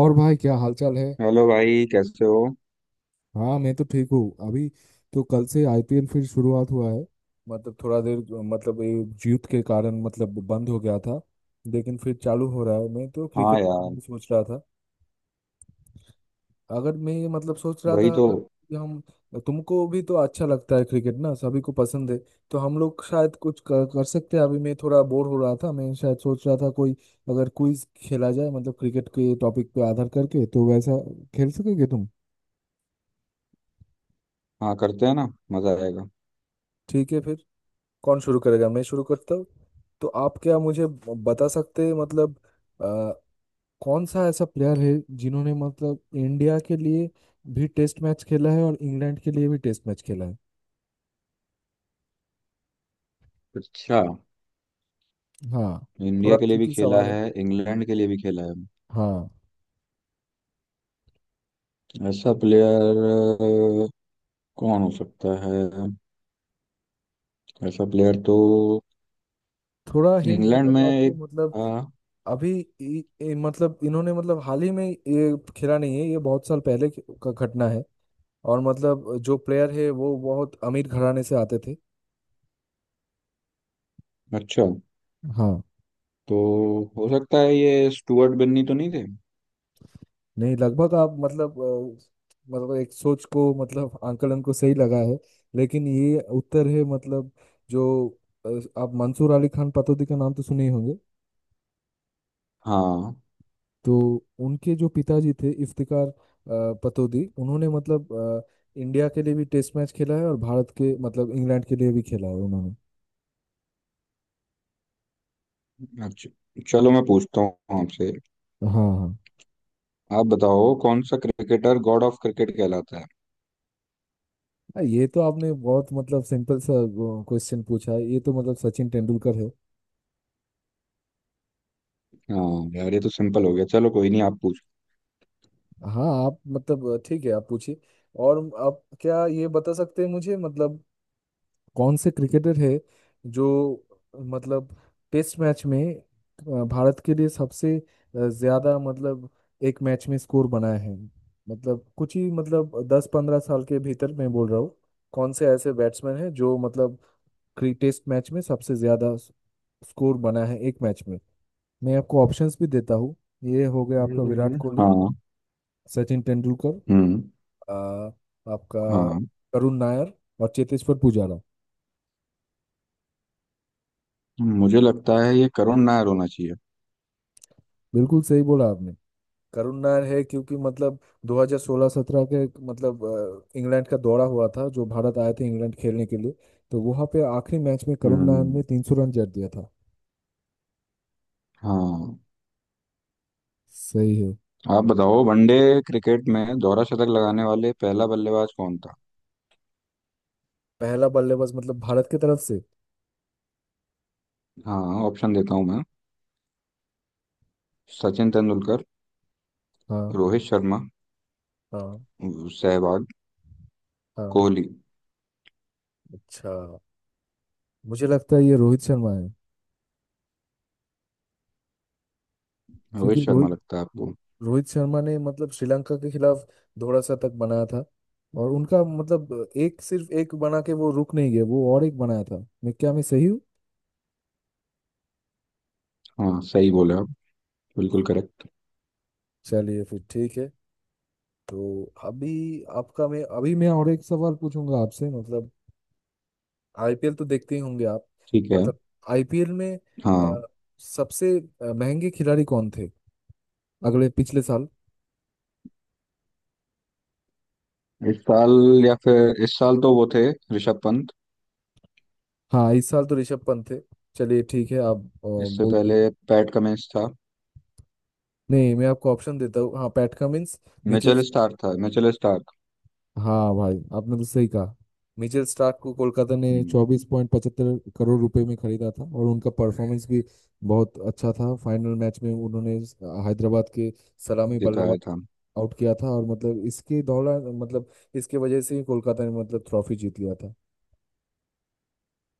और भाई, क्या हालचाल है। हेलो भाई, कैसे हो। हाँ, मैं तो ठीक हूँ अभी। तो कल से आईपीएल फिर शुरुआत हुआ है। मतलब थोड़ा देर, मतलब ये जीत के कारण मतलब बंद हो गया था। लेकिन फिर चालू हो रहा है। मैं तो हाँ क्रिकेट के बारे यार। में सोच रहा था। अगर मैं ये मतलब सोच रहा वही था, तो। अगर कि हम तुमको भी तो अच्छा लगता है क्रिकेट, ना? सभी को पसंद है। तो हम लोग शायद कुछ कर सकते हैं। अभी मैं थोड़ा बोर हो रहा था। मैं शायद सोच रहा था, कोई अगर क्विज खेला जाए मतलब क्रिकेट के टॉपिक पे आधार करके, तो वैसा खेल सकोगे तुम? हाँ, करते हैं ना। मजा आएगा। ठीक है फिर। कौन शुरू करेगा? मैं शुरू करता हूँ। तो आप क्या मुझे बता सकते हैं मतलब, अ, कौन सा ऐसा प्लेयर है जिन्होंने मतलब इंडिया के लिए भी टेस्ट मैच खेला है, और इंग्लैंड के लिए भी टेस्ट मैच खेला है? अच्छा। हाँ। थोड़ा इंडिया के लिए भी ट्रिकी खेला सवाल है। है, इंग्लैंड के लिए भी खेला है। हाँ। ऐसा प्लेयर कौन हो सकता है? ऐसा प्लेयर तो थोड़ा हिंट देता इंग्लैंड में हूँ आपको एक मतलब। था। अभी इ, इ, मतलब इन्होंने मतलब हाल ही में ये खेला नहीं है। ये बहुत साल पहले का घटना है। और मतलब जो प्लेयर है वो बहुत अमीर घराने से आते थे। अच्छा, हाँ। तो हो सकता है ये स्टुअर्ट बिन्नी तो नहीं थे। नहीं, लगभग आप मतलब मतलब एक सोच को, मतलब आंकलन को सही लगा है। लेकिन ये उत्तर है मतलब, जो आप मंसूर अली खान पटौदी का नाम तो सुने ही होंगे। हाँ। तो उनके जो पिताजी थे इफ्तिकार पटौदी, उन्होंने मतलब इंडिया के लिए भी टेस्ट मैच खेला है, और भारत के मतलब इंग्लैंड के लिए भी खेला है उन्होंने। अच्छा, चलो मैं पूछता हूँ आपसे। हाँ, हाँ। आप बताओ, कौन सा क्रिकेटर गॉड ऑफ क्रिकेट कहलाता है। ये तो आपने बहुत मतलब सिंपल सा क्वेश्चन पूछा है। ये तो मतलब सचिन तेंदुलकर है। हाँ यार, ये तो सिंपल हो गया। चलो कोई नहीं, आप पूछो। हाँ, आप मतलब ठीक है, आप पूछिए। और आप क्या ये बता सकते हैं मुझे मतलब, कौन से क्रिकेटर है जो मतलब टेस्ट मैच में भारत के लिए सबसे ज्यादा मतलब एक मैच में स्कोर बनाए हैं, मतलब कुछ ही मतलब 10-15 साल के भीतर मैं बोल रहा हूँ। कौन से ऐसे बैट्समैन हैं जो मतलब टेस्ट मैच में सबसे ज्यादा स्कोर बना है एक मैच में? मैं आपको ऑप्शंस भी देता हूँ। ये हो गया आपका विराट कोहली, हाँ। सचिन तेंदुलकर, हम्म। आ, आपका हाँ। करुण नायर, और चेतेश्वर पुजारा। मुझे लगता है ये करुण नायर होना चाहिए। बिल्कुल सही बोला आपने। करुण नायर है, क्योंकि मतलब 2016-17 के मतलब, इंग्लैंड का दौरा हुआ था, जो भारत आए थे इंग्लैंड खेलने के लिए। तो वहां पे आखिरी मैच में करुण नायर हम्म। ने 300 रन जड़ दिया था। हाँ। सही है। आप बताओ, वनडे क्रिकेट में दोहरा शतक लगाने वाले पहला बल्लेबाज कौन था। पहला बल्लेबाज मतलब भारत की तरफ से? हाँ, ऑप्शन देता हूँ मैं। सचिन तेंदुलकर, हाँ, रोहित शर्मा, हाँ, सहवाग, हाँ। कोहली। अच्छा। मुझे लगता है ये रोहित शर्मा है, रोहित क्योंकि शर्मा रोहित लगता है आपको? रोहित शर्मा ने मतलब श्रीलंका के खिलाफ दोहरा शतक बनाया था। और उनका मतलब एक, सिर्फ एक बना के वो रुक नहीं गए, वो और एक बनाया था। मैं क्या मैं सही हूँ? हाँ, सही बोले आप। बिल्कुल करेक्ट। चलिए फिर, ठीक है। तो अभी मैं और एक सवाल पूछूंगा आपसे मतलब। आईपीएल तो देखते ही होंगे आप। ठीक है। मतलब आईपीएल में, अ, हाँ, सबसे महंगे खिलाड़ी कौन थे अगले पिछले साल? इस साल, या फिर इस साल तो वो थे ऋषभ पंत। हाँ, इस साल तो ऋषभ पंत थे। चलिए ठीक है, आप इससे बोलिए। पहले पैट कमिंस था। नहीं, मैं आपको ऑप्शन देता हूँ। हाँ, Pat Cummins, Mitchell. Mitchell Starc था, मिचेल स्टार्क। हाँ भाई, आपने तो सही कहा। मिचेल स्टार्क को कोलकाता ने हम्म। 24.75 करोड़ रुपए में खरीदा था, और उनका परफॉर्मेंस भी बहुत अच्छा था। फाइनल मैच में उन्होंने हैदराबाद के सलामी बल्लेबाज दिखाया था। आउट किया था। और मतलब इसके दौरान, मतलब इसके वजह से ही कोलकाता ने मतलब ट्रॉफी जीत लिया था।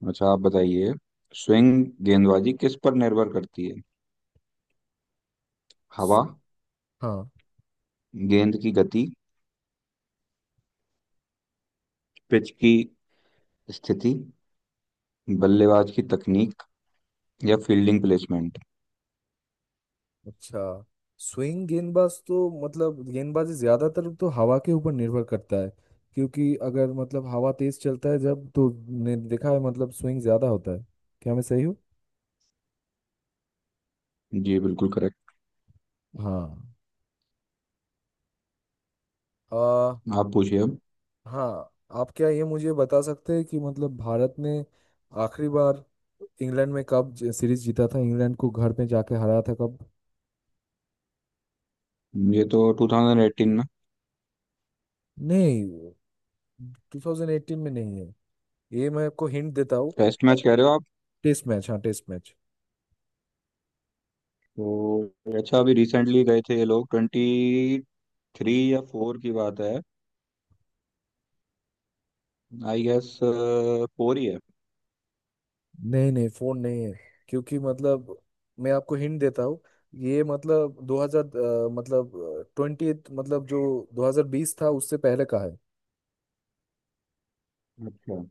अच्छा, आप बताइए, स्विंग गेंदबाजी किस पर निर्भर करती है। हवा, हाँ, गेंद की गति, पिच की स्थिति, बल्लेबाज की तकनीक, या फील्डिंग प्लेसमेंट। अच्छा। स्विंग गेंदबाज तो मतलब गेंदबाजी ज्यादातर तो हवा के ऊपर निर्भर करता है। क्योंकि अगर मतलब हवा तेज चलता है जब, तो ने देखा है मतलब स्विंग ज्यादा होता है। क्या मैं सही हूँ? जी बिल्कुल करेक्ट। हाँ। आ, आप पूछिए अब। हाँ। आप क्या ये मुझे बता सकते हैं कि मतलब भारत ने आखिरी बार इंग्लैंड में कब सीरीज जीता था, इंग्लैंड को घर पे जाके हराया था कब? ये तो 2018 में। नहीं, 2018 में नहीं है ये। मैं आपको हिंट देता हूँ। टेस्ट मैच कह रहे हो आप? टेस्ट मैच, हाँ, टेस्ट मैच। तो अच्छा, अभी रिसेंटली गए थे ये लोग, ट्वेंटी थ्री या फोर की बात है। आई गेस फोर ही है। नहीं नहीं, फोन नहीं है। क्योंकि मतलब मैं आपको हिंट देता हूँ। ये मतलब 2000, मतलब ट्वेंटी, मतलब जो 2020 था उससे पहले का है। अच्छा।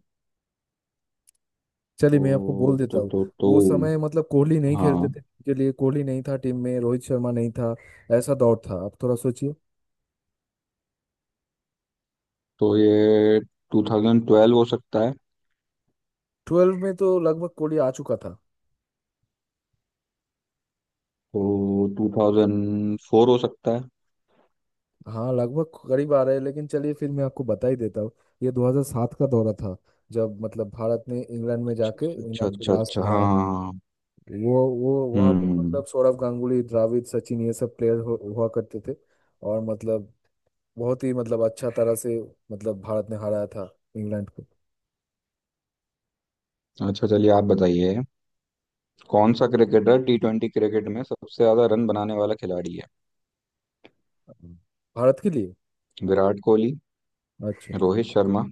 चलिए, तो मैं आपको बोल देता तो हूँ। तो तो वो समय मतलब कोहली नहीं खेलते हाँ, थे के लिए, कोहली नहीं था टीम में, रोहित शर्मा नहीं था। ऐसा दौर था, आप थोड़ा सोचिए। तो ये 2012 हो सकता है। ट्वेल्व में तो लगभग कोहली आ चुका था। तो 2004 हो सकता है। हाँ, लगभग करीब आ रहे हैं, लेकिन चलिए फिर मैं आपको बता ही देता हूँ। ये 2007 का दौरा था, जब मतलब भारत ने इंग्लैंड में अच्छा जाके अच्छा इंग्लैंड को अच्छा लास्ट अच्छा। हाँ हराया था। हाँ, हाँ, वो वो वहाँ पे हम्म। मतलब सौरव गांगुली, द्रविड़, सचिन, ये सब प्लेयर हुआ करते थे। और मतलब बहुत ही मतलब अच्छा तरह से मतलब भारत ने हराया था इंग्लैंड को। अच्छा, चलिए आप बताइए, कौन सा क्रिकेटर टी ट्वेंटी क्रिकेट में सबसे ज्यादा रन बनाने वाला खिलाड़ी है। भारत के लिए? विराट कोहली, अच्छा। Rohit Sharma,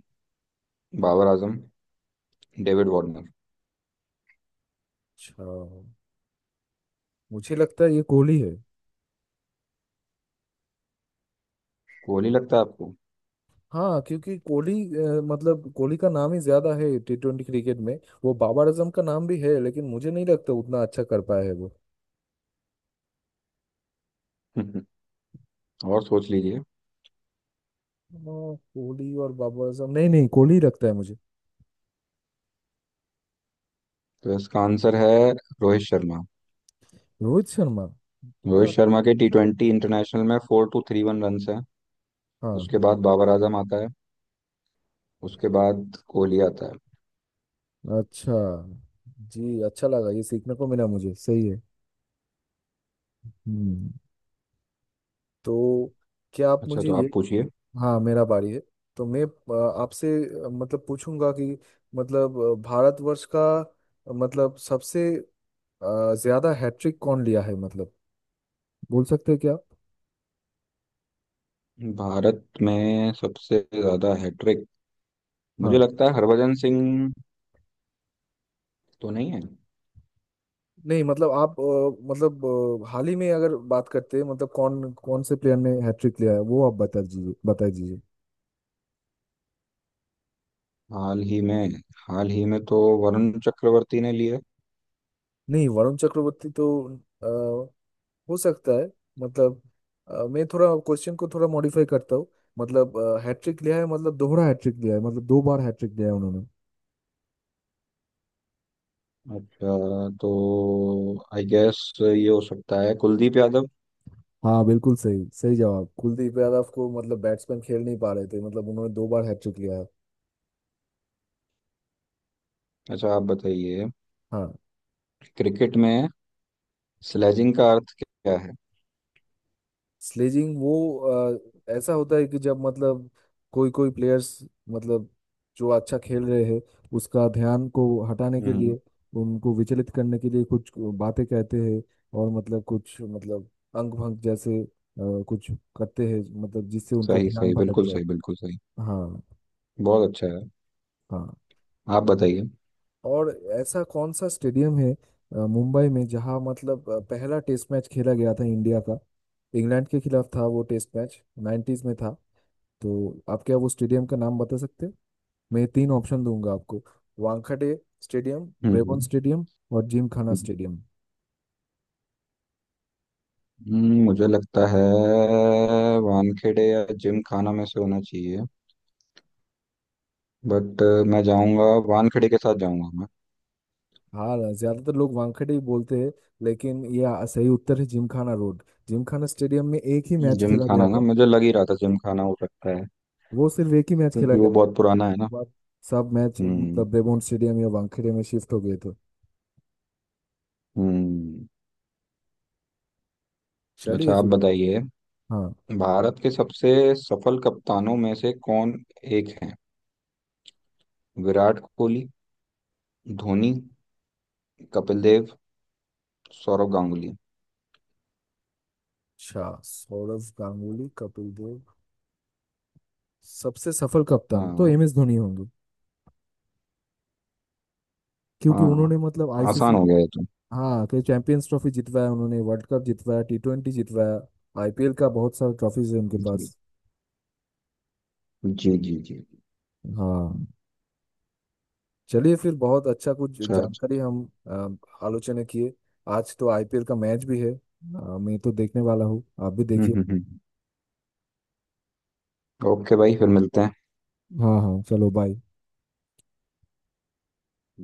Babar Azam, David Warner. अच्छा, मुझे लगता है ये कोहली है। कोहली लगता है आपको? हाँ, क्योंकि कोहली, मतलब कोहली का नाम ही ज्यादा है टी ट्वेंटी क्रिकेट में। वो बाबर आजम का नाम भी है, लेकिन मुझे नहीं लगता उतना अच्छा कर पाया है वो। और सोच लीजिए। अ, कोहली और बाबर आजम। नहीं नहीं, कोहली लगता है मुझे। तो इसका आंसर है रोहित शर्मा। रोहित शर्मा? रोहित हाँ, शर्मा के टी ट्वेंटी इंटरनेशनल में 4,231 रन है। हाँ। उसके बाद बाबर आजम आता है। उसके बाद कोहली आता है। अच्छा। जी, अच्छा लगा, ये सीखने को मिला मुझे। सही है। हम्म। तो क्या आप अच्छा, मुझे तो आप ये, पूछिए। हाँ, मेरा बारी है। तो मैं आपसे मतलब पूछूंगा कि, मतलब भारतवर्ष का मतलब सबसे ज्यादा हैट्रिक कौन लिया है मतलब, बोल सकते हैं क्या आप? भारत में सबसे ज्यादा हैट्रिक, मुझे हाँ। लगता है हरभजन सिंह, तो नहीं है। नहीं मतलब, आप मतलब हाल ही में अगर बात करते हैं मतलब, कौन कौन से प्लेयर ने हैट्रिक लिया है वो आप बता दीजिए, बता दीजिए। हाल ही में? हाल ही में तो वरुण चक्रवर्ती ने लिए। नहीं, वरुण चक्रवर्ती तो हो सकता है मतलब, मैं थोड़ा क्वेश्चन को थोड़ा मॉडिफाई करता हूँ। मतलब हैट्रिक लिया है मतलब, दोहरा हैट्रिक लिया है, मतलब दो बार हैट्रिक लिया है उन्होंने। अच्छा, तो आई गेस ये हो सकता है कुलदीप यादव। हाँ, बिल्कुल सही। सही जवाब कुलदीप यादव, को मतलब बैट्समैन खेल नहीं पा रहे थे, मतलब उन्होंने दो बार हैट्रिक लिया है। अच्छा आप बताइए, हाँ। क्रिकेट में स्लेजिंग का अर्थ क्या है। स्लेजिंग वो ऐसा होता है कि, जब मतलब कोई कोई प्लेयर्स मतलब जो अच्छा खेल रहे हैं, उसका ध्यान को हटाने के हम्म। लिए, उनको विचलित करने के लिए कुछ बातें कहते हैं। और मतलब कुछ, मतलब अंग भंग जैसे कुछ करते हैं, मतलब जिससे उनका सही ध्यान सही, भटक बिल्कुल जाए। सही, बिल्कुल सही। हाँ, बहुत अच्छा है। हाँ। आप बताइए। और ऐसा कौन सा स्टेडियम है मुंबई में, जहाँ मतलब पहला टेस्ट मैच खेला गया था इंडिया का? इंग्लैंड के खिलाफ था वो टेस्ट मैच। 1990s में था। तो आप क्या वो स्टेडियम का नाम बता सकते हैं? मैं ये तीन ऑप्शन दूंगा आपको। वानखेड़े स्टेडियम, ब्रेबोन हम्म स्टेडियम, और जिम खाना हम्म स्टेडियम। मुझे लगता है वानखेड़े या जिम खाना में से होना चाहिए। बट मैं जाऊंगा, वानखेड़े के साथ जाऊंगा मैं। हाँ, ज्यादातर लोग वानखेड़े ही बोलते हैं। लेकिन ये सही उत्तर है, Gymkhana road. Gymkhana stadium में एक ही मैच जिम खेला गया खाना, ना था। मुझे लग ही रहा था जिम खाना हो सकता है। वो सिर्फ एक ही मैच खेला क्योंकि गया वो बहुत पुराना है ना। था। बाद सब मैच हम्म। मतलब ब्रेबोन स्टेडियम या वानखेड़े में शिफ्ट हो गए थे। हम्म। चलिए अच्छा आप फिर। बताइए, हाँ। भारत के सबसे सफल कप्तानों में से कौन एक है। विराट कोहली, धोनी, कपिल देव, सौरव गांगुली। अच्छा, सौरव गांगुली, कपिल देव, सबसे सफल कप्तान तो हाँ। एम एस धोनी होंगे। क्योंकि हाँ, उन्होंने मतलब आसान आईसीसी, हो गया ये तो। हाँ कि चैंपियंस ट्रॉफी जितवाया, उन्होंने वर्ल्ड कप जितवाया, टी ट्वेंटी जितवाया। आईपीएल का बहुत सारा ट्रॉफीज है उनके जी। पास। जी जी जी। हाँ। चलिए फिर। बहुत अच्छा, कुछ अच्छा अच्छा। जानकारी हम आलोचना किए। आज तो आईपीएल का मैच भी है। मैं तो देखने वाला हूँ, आप भी देखिए। हम्म। ओके भाई, फिर मिलते हैं। हाँ, हाँ, चलो बाय।